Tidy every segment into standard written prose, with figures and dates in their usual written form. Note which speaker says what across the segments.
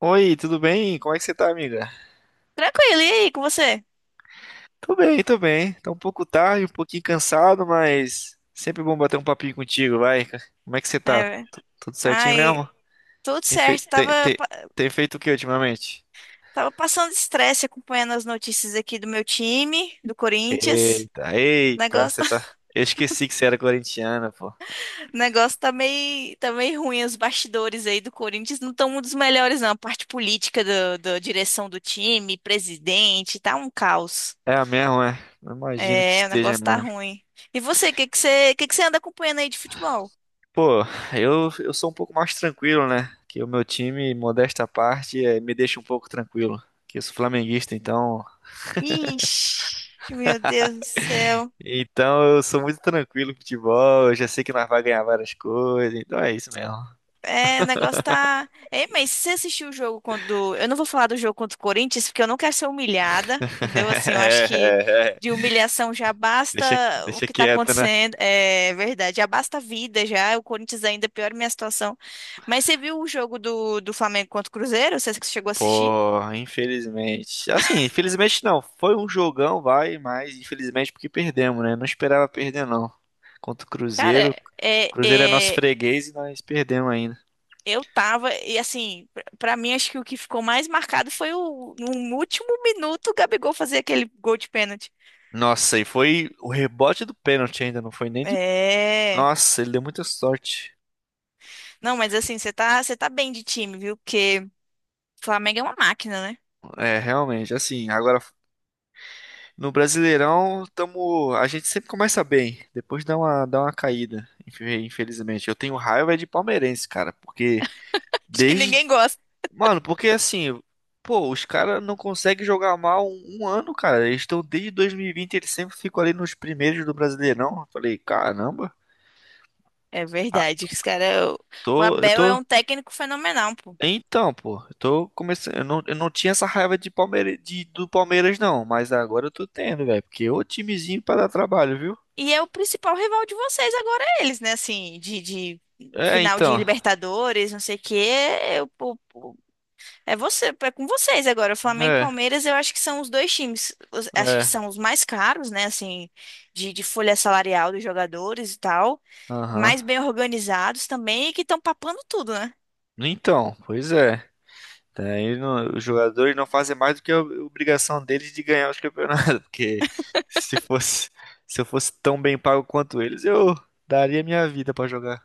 Speaker 1: Oi, tudo bem? Como é que você tá, amiga?
Speaker 2: Tranquilo, e aí, com você?
Speaker 1: Tô bem, tô bem. Tá um pouco tarde, um pouquinho cansado, mas sempre bom bater um papinho contigo, vai. Como é que você tá?
Speaker 2: É,
Speaker 1: Tudo certinho
Speaker 2: ai,
Speaker 1: mesmo?
Speaker 2: tudo
Speaker 1: Tem feito,
Speaker 2: certo.
Speaker 1: tem,
Speaker 2: Tava,
Speaker 1: tem-
Speaker 2: pa-
Speaker 1: Tem feito o que ultimamente?
Speaker 2: tava passando estresse acompanhando as notícias aqui do meu time, do Corinthians.
Speaker 1: Eita, eita,
Speaker 2: Negócio,
Speaker 1: você tá. Eu esqueci que você era corintiana, pô.
Speaker 2: negócio tá meio ruim. Os bastidores aí do Corinthians não estão um dos melhores, não. A parte política da direção do time, presidente, tá um caos.
Speaker 1: É mesmo, é. Eu imagino que
Speaker 2: É, o
Speaker 1: esteja
Speaker 2: negócio tá
Speaker 1: mesmo.
Speaker 2: ruim. E você, o que que você anda acompanhando aí de futebol?
Speaker 1: Pô, eu sou um pouco mais tranquilo, né? Que o meu time, modesta à parte, me deixa um pouco tranquilo. Que eu sou flamenguista, então.
Speaker 2: Ixi, meu Deus do céu.
Speaker 1: Então eu sou muito tranquilo com futebol, eu já sei que nós vamos ganhar várias coisas, então é isso mesmo.
Speaker 2: É, o negócio tá. Ei, mas se você assistiu o jogo quando. Eu não vou falar do jogo contra o Corinthians, porque eu não quero ser humilhada, entendeu? Assim, eu
Speaker 1: É,
Speaker 2: acho que
Speaker 1: é,
Speaker 2: de
Speaker 1: é.
Speaker 2: humilhação já basta
Speaker 1: Deixa,
Speaker 2: o
Speaker 1: deixa
Speaker 2: que tá
Speaker 1: quieto, né?
Speaker 2: acontecendo. É verdade, já basta a vida já. O Corinthians é ainda piora a minha situação. Mas você viu o jogo do Flamengo contra o Cruzeiro? Você que chegou a assistir?
Speaker 1: Pô, infelizmente. Assim, infelizmente não. Foi um jogão, vai, mas infelizmente porque perdemos, né? Não esperava perder, não. Contra o Cruzeiro.
Speaker 2: Cara,
Speaker 1: O
Speaker 2: é,
Speaker 1: Cruzeiro é nosso
Speaker 2: é,
Speaker 1: freguês e nós perdemos ainda.
Speaker 2: eu tava. E assim, pra mim, acho que o que ficou mais marcado foi o, no último minuto, o Gabigol fazer aquele gol de pênalti.
Speaker 1: Nossa, e foi o rebote do pênalti ainda, não foi nem de.
Speaker 2: É.
Speaker 1: Nossa, ele deu muita sorte.
Speaker 2: Não, mas assim, você tá bem de time, viu? Porque Flamengo é uma máquina, né?
Speaker 1: É, realmente, assim, agora. No Brasileirão, tamo, a gente sempre começa bem, depois dá uma caída, infelizmente. Eu tenho raiva de palmeirense, cara, porque
Speaker 2: Acho que
Speaker 1: desde.
Speaker 2: ninguém gosta.
Speaker 1: Mano, porque assim, pô, os caras não conseguem jogar mal um ano, cara. Eles estão desde 2020, eles sempre ficam ali nos primeiros do Brasileirão. Eu falei, caramba,
Speaker 2: É
Speaker 1: ah,
Speaker 2: verdade, que os cara, o
Speaker 1: tô, eu
Speaker 2: Abel é
Speaker 1: tô.
Speaker 2: um técnico fenomenal, pô.
Speaker 1: Então, pô, eu tô começando. Eu não tinha essa raiva de Palmeira, de, do Palmeiras, não, mas agora eu tô tendo, velho, porque é o timezinho pra dar trabalho, viu?
Speaker 2: E é o principal rival de vocês agora, é eles, né? Assim, de
Speaker 1: É,
Speaker 2: final de
Speaker 1: então.
Speaker 2: Libertadores, não sei o quê. É, é você, é com vocês agora. Flamengo e
Speaker 1: É.
Speaker 2: Palmeiras, eu acho que são os dois times, acho que
Speaker 1: É,
Speaker 2: são os mais caros, né? Assim, de folha salarial dos jogadores e tal,
Speaker 1: aham.
Speaker 2: mais bem organizados também e que estão papando tudo, né?
Speaker 1: Então, pois é. Daí não- Os jogadores não fazem mais do que a obrigação deles de ganhar os campeonatos, porque se fosse, se eu fosse tão bem pago quanto eles, eu daria minha vida pra jogar.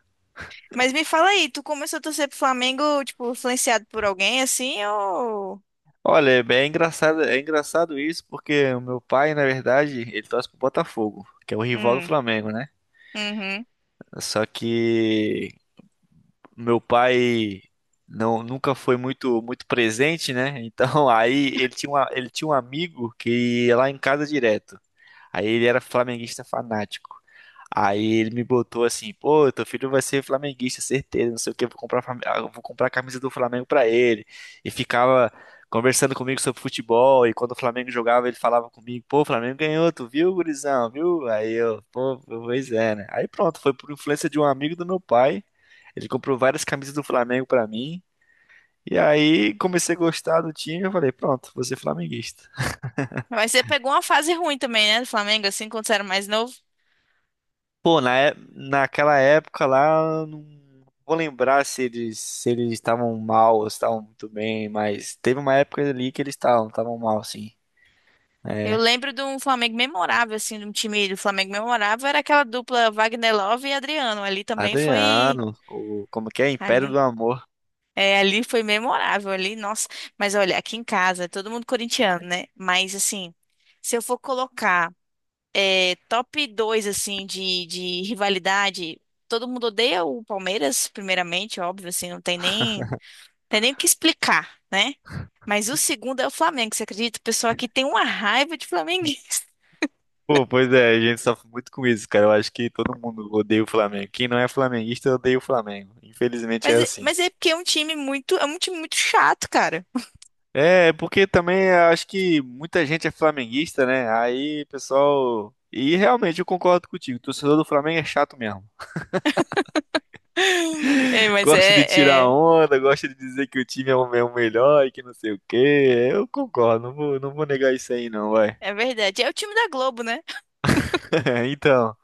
Speaker 2: Mas me fala aí, tu começou a torcer pro Flamengo, tipo, influenciado por alguém assim, ou.
Speaker 1: Olha, é bem engraçado, é engraçado isso, porque o meu pai, na verdade, ele torce pro Botafogo, que é o rival do
Speaker 2: Hum,
Speaker 1: Flamengo, né?
Speaker 2: uhum.
Speaker 1: Só que meu pai não nunca foi muito presente, né? Então aí ele tinha uma, ele tinha um amigo que ia lá em casa direto. Aí ele era flamenguista fanático. Aí ele me botou assim, pô, teu filho vai ser flamenguista, certeza, não sei o que, vou comprar, ah, eu vou comprar a camisa do Flamengo pra ele. E ficava conversando comigo sobre futebol, e quando o Flamengo jogava, ele falava comigo, pô, o Flamengo ganhou, tu viu, gurizão, viu? Aí eu, pô, pois é, né? Aí pronto, foi por influência de um amigo do meu pai, ele comprou várias camisas do Flamengo pra mim, e aí comecei a gostar do time, eu falei, pronto, vou ser flamenguista.
Speaker 2: Mas você pegou uma fase ruim também, né, do Flamengo, assim, quando você era mais novo.
Speaker 1: Pô, naquela época lá, eu não vou lembrar se eles estavam mal ou se estavam muito bem, mas teve uma época ali que eles estavam mal, sim.
Speaker 2: Eu
Speaker 1: É,
Speaker 2: lembro de um Flamengo memorável, assim, de um time do Flamengo memorável, era aquela dupla Wagner Love e Adriano. Ali também foi.
Speaker 1: Adriano, o, como que é? Império do
Speaker 2: Ali.
Speaker 1: Amor.
Speaker 2: É, ali foi memorável, ali, nossa. Mas olha, aqui em casa, é todo mundo corintiano, né? Mas assim, se eu for colocar. É, top 2 assim, de rivalidade. Todo mundo odeia o Palmeiras, primeiramente, óbvio, assim, não tem nem o que explicar, né? Mas o segundo é o Flamengo, você acredita? O pessoal aqui tem uma raiva de flamenguista.
Speaker 1: Pô, pois é, a gente sofre muito com isso, cara. Eu acho que todo mundo odeia o Flamengo. Quem não é flamenguista odeia o Flamengo. Infelizmente é
Speaker 2: Mas,
Speaker 1: assim.
Speaker 2: mas é porque é um time muito chato, cara.
Speaker 1: É, é porque também eu acho que muita gente é flamenguista, né? Aí, pessoal. E realmente eu concordo contigo. O torcedor do Flamengo é chato mesmo.
Speaker 2: É, mas
Speaker 1: Gosta de tirar onda, gosta de dizer que o time é o melhor e que não sei o quê. Eu concordo, não vou negar isso aí não, vai.
Speaker 2: é verdade. É o time da Globo, né?
Speaker 1: Então,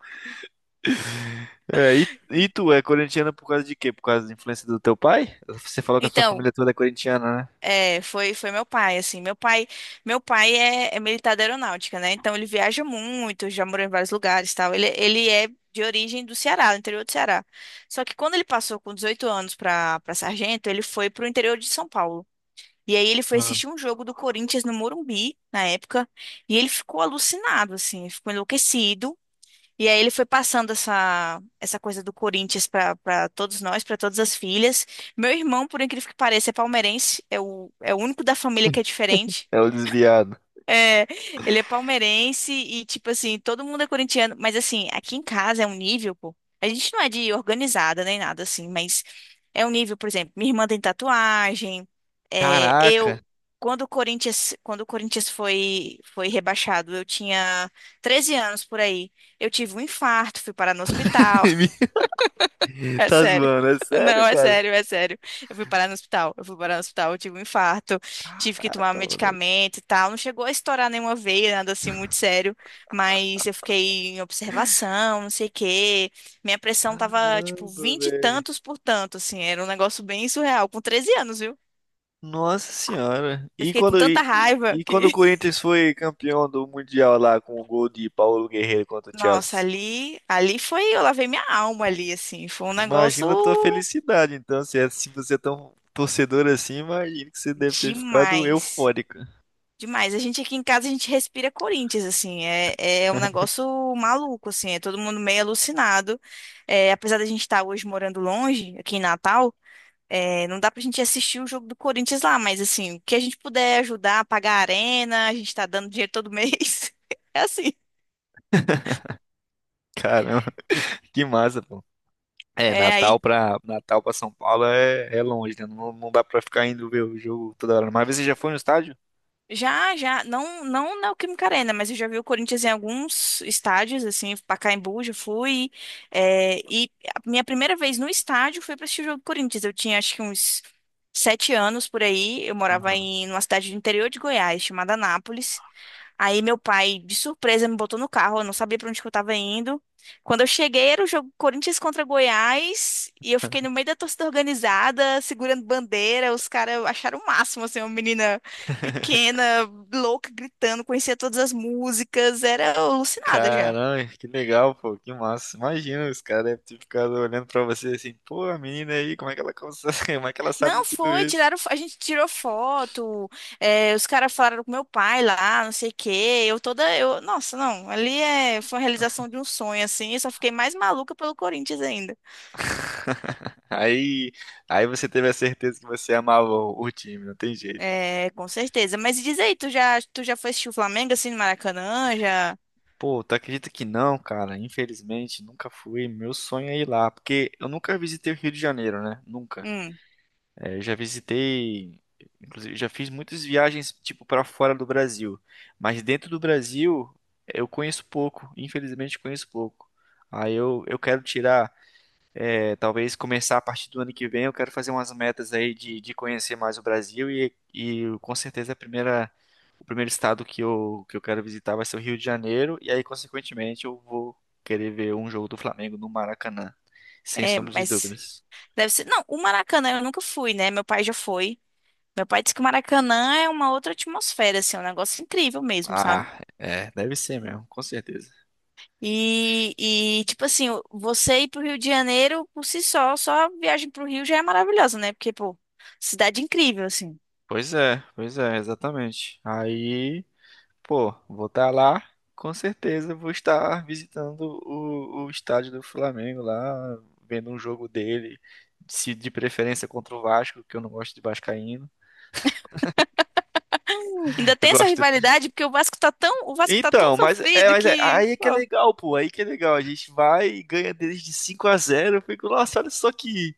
Speaker 1: é, e tu é corintiana por causa de quê? Por causa da influência do teu pai? Você falou que a sua
Speaker 2: Então,
Speaker 1: família toda é corintiana, né?
Speaker 2: É, foi meu pai, assim, meu pai é militar da aeronáutica, né, então ele viaja muito, já morou em vários lugares, e tal, ele é de origem do Ceará, do interior do Ceará, só que quando ele passou com 18 anos para sargento, ele foi pro interior de São Paulo, e aí ele foi
Speaker 1: Ah,
Speaker 2: assistir um jogo do Corinthians no Morumbi, na época, e ele ficou alucinado, assim, ficou enlouquecido, e aí ele foi passando essa coisa do Corinthians para todos nós, para todas as filhas. Meu irmão, por incrível que pareça, é palmeirense, é o único da família que é diferente.
Speaker 1: é o desviado.
Speaker 2: É, ele é palmeirense e, tipo assim, todo mundo é corintiano, mas assim, aqui em casa é um nível, pô. A gente não é de organizada nem nada assim, mas é um nível, por exemplo, minha irmã tem tatuagem. É,
Speaker 1: Caraca!
Speaker 2: eu, quando o Corinthians foi rebaixado, eu tinha 13 anos por aí. Eu tive um infarto, fui parar no hospital. É
Speaker 1: Tá
Speaker 2: sério.
Speaker 1: zoando, é sério,
Speaker 2: Não, é
Speaker 1: cara?
Speaker 2: sério, é sério. Eu fui parar no hospital. Eu fui parar no hospital, eu tive um infarto, tive que
Speaker 1: Ah,
Speaker 2: tomar
Speaker 1: calma, moleque.
Speaker 2: medicamento e tal. Não chegou a estourar nenhuma veia, nada assim muito sério, mas eu fiquei em observação, não sei o quê. Minha pressão tava tipo
Speaker 1: Caramba,
Speaker 2: vinte e
Speaker 1: velho.
Speaker 2: tantos por tanto, assim, era um negócio bem surreal, com 13 anos, viu?
Speaker 1: Nossa senhora.
Speaker 2: Eu
Speaker 1: E
Speaker 2: fiquei com
Speaker 1: quando,
Speaker 2: tanta
Speaker 1: e, e-
Speaker 2: raiva
Speaker 1: e quando o
Speaker 2: que,
Speaker 1: Corinthians foi campeão do Mundial lá com o gol de Paulo Guerreiro contra o
Speaker 2: nossa,
Speaker 1: Chelsea?
Speaker 2: ali foi, eu lavei minha alma ali, assim, foi um negócio
Speaker 1: Imagina a tua felicidade, então, se você é tão torcedor assim, imagina que você deve ter ficado
Speaker 2: demais.
Speaker 1: eufórico.
Speaker 2: Demais. A gente aqui em casa, a gente respira Corinthians, assim. É, é um negócio maluco, assim. É todo mundo meio alucinado. É, apesar da gente estar hoje morando longe, aqui em Natal, é, não dá pra gente assistir o jogo do Corinthians lá, mas, assim, o que a gente puder ajudar, pagar a arena, a gente tá dando dinheiro todo mês. É assim.
Speaker 1: Caramba, que massa, pô. É,
Speaker 2: É, aí
Speaker 1: Natal pra São Paulo é, é longe, né? Não, não dá pra ficar indo ver o jogo toda hora. Mas você já foi no estádio?
Speaker 2: Já, já, não, não na Neoquímica Arena, mas eu já vi o Corinthians em alguns estádios, assim, Pacaembu, já fui, é, e a minha primeira vez no estádio foi para assistir o jogo do Corinthians, eu tinha acho que uns 7 anos por aí, eu morava
Speaker 1: Aham.
Speaker 2: numa cidade do interior de Goiás, chamada Anápolis, Aí meu pai, de surpresa, me botou no carro, eu não sabia pra onde que eu tava indo. Quando eu cheguei, era o jogo Corinthians contra Goiás, e eu fiquei no meio da torcida organizada, segurando bandeira, os caras acharam o máximo, assim, uma menina pequena, louca, gritando, conhecia todas as músicas, era alucinada já.
Speaker 1: Caramba, que legal, pô, que massa. Imagina, os caras devem ter ficado olhando pra você assim, pô, a menina aí, como é que ela consegue, como é que ela sabe
Speaker 2: Não
Speaker 1: de tudo
Speaker 2: foi,
Speaker 1: isso?
Speaker 2: tiraram, a gente tirou foto, é, os caras falaram com meu pai lá, não sei o quê, eu toda, eu, nossa, não, ali é, foi a realização de um sonho, assim, eu só fiquei mais maluca pelo Corinthians ainda.
Speaker 1: Aí, aí você teve a certeza que você amava o time, não tem jeito.
Speaker 2: É, com certeza. Mas diz aí, tu já foi assistir o Flamengo assim no Maracanã? Já.
Speaker 1: Pô, tu acredita que não, cara? Infelizmente, nunca fui. Meu sonho é ir lá, porque eu nunca visitei o Rio de Janeiro, né? Nunca.
Speaker 2: Hum,
Speaker 1: É, eu já visitei, inclusive, já fiz muitas viagens tipo para fora do Brasil, mas dentro do Brasil eu conheço pouco, infelizmente conheço pouco. Aí eu quero tirar, é, talvez começar a partir do ano que vem, eu quero fazer umas metas aí de conhecer mais o Brasil e com certeza a primeira, o primeiro estado que eu quero visitar vai ser o Rio de Janeiro e aí consequentemente eu vou querer ver um jogo do Flamengo no Maracanã, sem
Speaker 2: é,
Speaker 1: sombra de
Speaker 2: mas
Speaker 1: dúvidas.
Speaker 2: deve ser. Não, o Maracanã eu nunca fui, né? Meu pai já foi. Meu pai disse que o Maracanã é uma outra atmosfera, assim, é um negócio incrível mesmo, sabe?
Speaker 1: Ah, é, deve ser mesmo, com certeza.
Speaker 2: E tipo assim, você ir pro Rio de Janeiro por si só, só a viagem pro Rio já é maravilhosa, né? Porque, pô, cidade incrível, assim.
Speaker 1: Pois é, exatamente. Aí, pô, vou estar lá, com certeza vou estar visitando o estádio do Flamengo lá, vendo um jogo dele, se de preferência contra o Vasco, que eu não gosto de vascaíno.
Speaker 2: Ainda
Speaker 1: Eu
Speaker 2: tem essa
Speaker 1: gosto.
Speaker 2: rivalidade, porque o Vasco tá tão
Speaker 1: Então,
Speaker 2: sofrido
Speaker 1: mas é,
Speaker 2: que.
Speaker 1: aí é que é
Speaker 2: Pô,
Speaker 1: legal, pô, aí que é legal. A gente vai e ganha deles de 5 a zero. Eu fico, nossa, olha só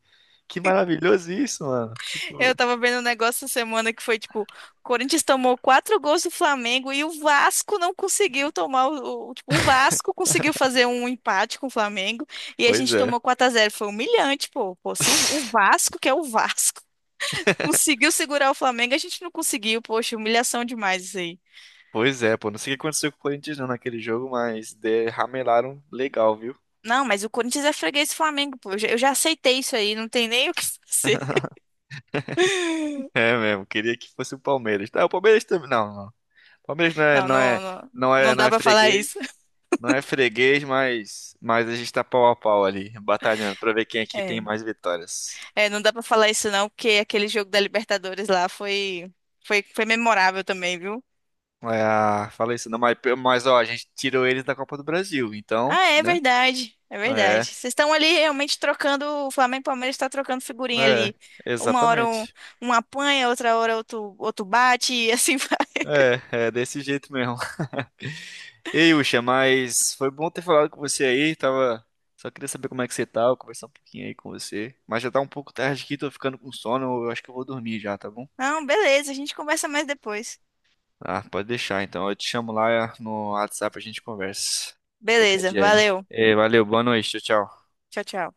Speaker 1: que maravilhoso isso, mano. Tipo,
Speaker 2: Eu tava vendo um negócio essa semana que foi tipo, o Corinthians tomou quatro gols do Flamengo e o Vasco não conseguiu tomar tipo, o Vasco conseguiu fazer um empate com o Flamengo e a
Speaker 1: pois
Speaker 2: gente
Speaker 1: é.
Speaker 2: tomou 4-0 Foi humilhante, pô. Pô, se o Vasco, que é o Vasco, conseguiu segurar o Flamengo, a gente não conseguiu. Poxa, humilhação demais isso aí.
Speaker 1: Pois é, pô. Não sei o que aconteceu com o Corinthians não naquele jogo, mas derramelaram legal, viu?
Speaker 2: Não, mas o Corinthians é freguês do Flamengo, pô. Eu já aceitei isso aí, não tem nem o que fazer.
Speaker 1: É mesmo. Queria que fosse o Palmeiras. Tá, o Palmeiras também. Não, não. O Palmeiras não é,
Speaker 2: Não,
Speaker 1: não
Speaker 2: não,
Speaker 1: é,
Speaker 2: não,
Speaker 1: não é,
Speaker 2: não
Speaker 1: não
Speaker 2: dá
Speaker 1: é
Speaker 2: pra falar isso.
Speaker 1: freguês. Não é freguês, mas a gente tá pau a pau ali, batalhando pra ver quem aqui tem
Speaker 2: É.
Speaker 1: mais vitórias.
Speaker 2: É, não dá pra falar isso não, porque aquele jogo da Libertadores lá foi, memorável também, viu?
Speaker 1: É, ah, falei isso não, mas ó, a gente tirou eles da Copa do Brasil, então,
Speaker 2: Ah, é
Speaker 1: né?
Speaker 2: verdade, é verdade.
Speaker 1: É,
Speaker 2: Vocês estão ali realmente trocando, o Flamengo e Palmeiras estão trocando figurinha
Speaker 1: é,
Speaker 2: ali. Uma hora um,
Speaker 1: exatamente.
Speaker 2: um apanha, outra hora outro, outro bate e assim vai.
Speaker 1: É, é desse jeito mesmo. Ei, Ucha, mas foi bom ter falado com você aí, tava... Só queria saber como é que você tá, conversar um pouquinho aí com você. Mas já tá um pouco tarde aqui, tô ficando com sono, eu acho que eu vou dormir já, tá bom?
Speaker 2: Não, beleza, a gente conversa mais depois.
Speaker 1: Ah, pode deixar então, eu te chamo lá no WhatsApp, a gente conversa. Qualquer
Speaker 2: Beleza,
Speaker 1: dia aí.
Speaker 2: valeu.
Speaker 1: Ei, valeu, boa noite, tchau, tchau.
Speaker 2: Tchau, tchau.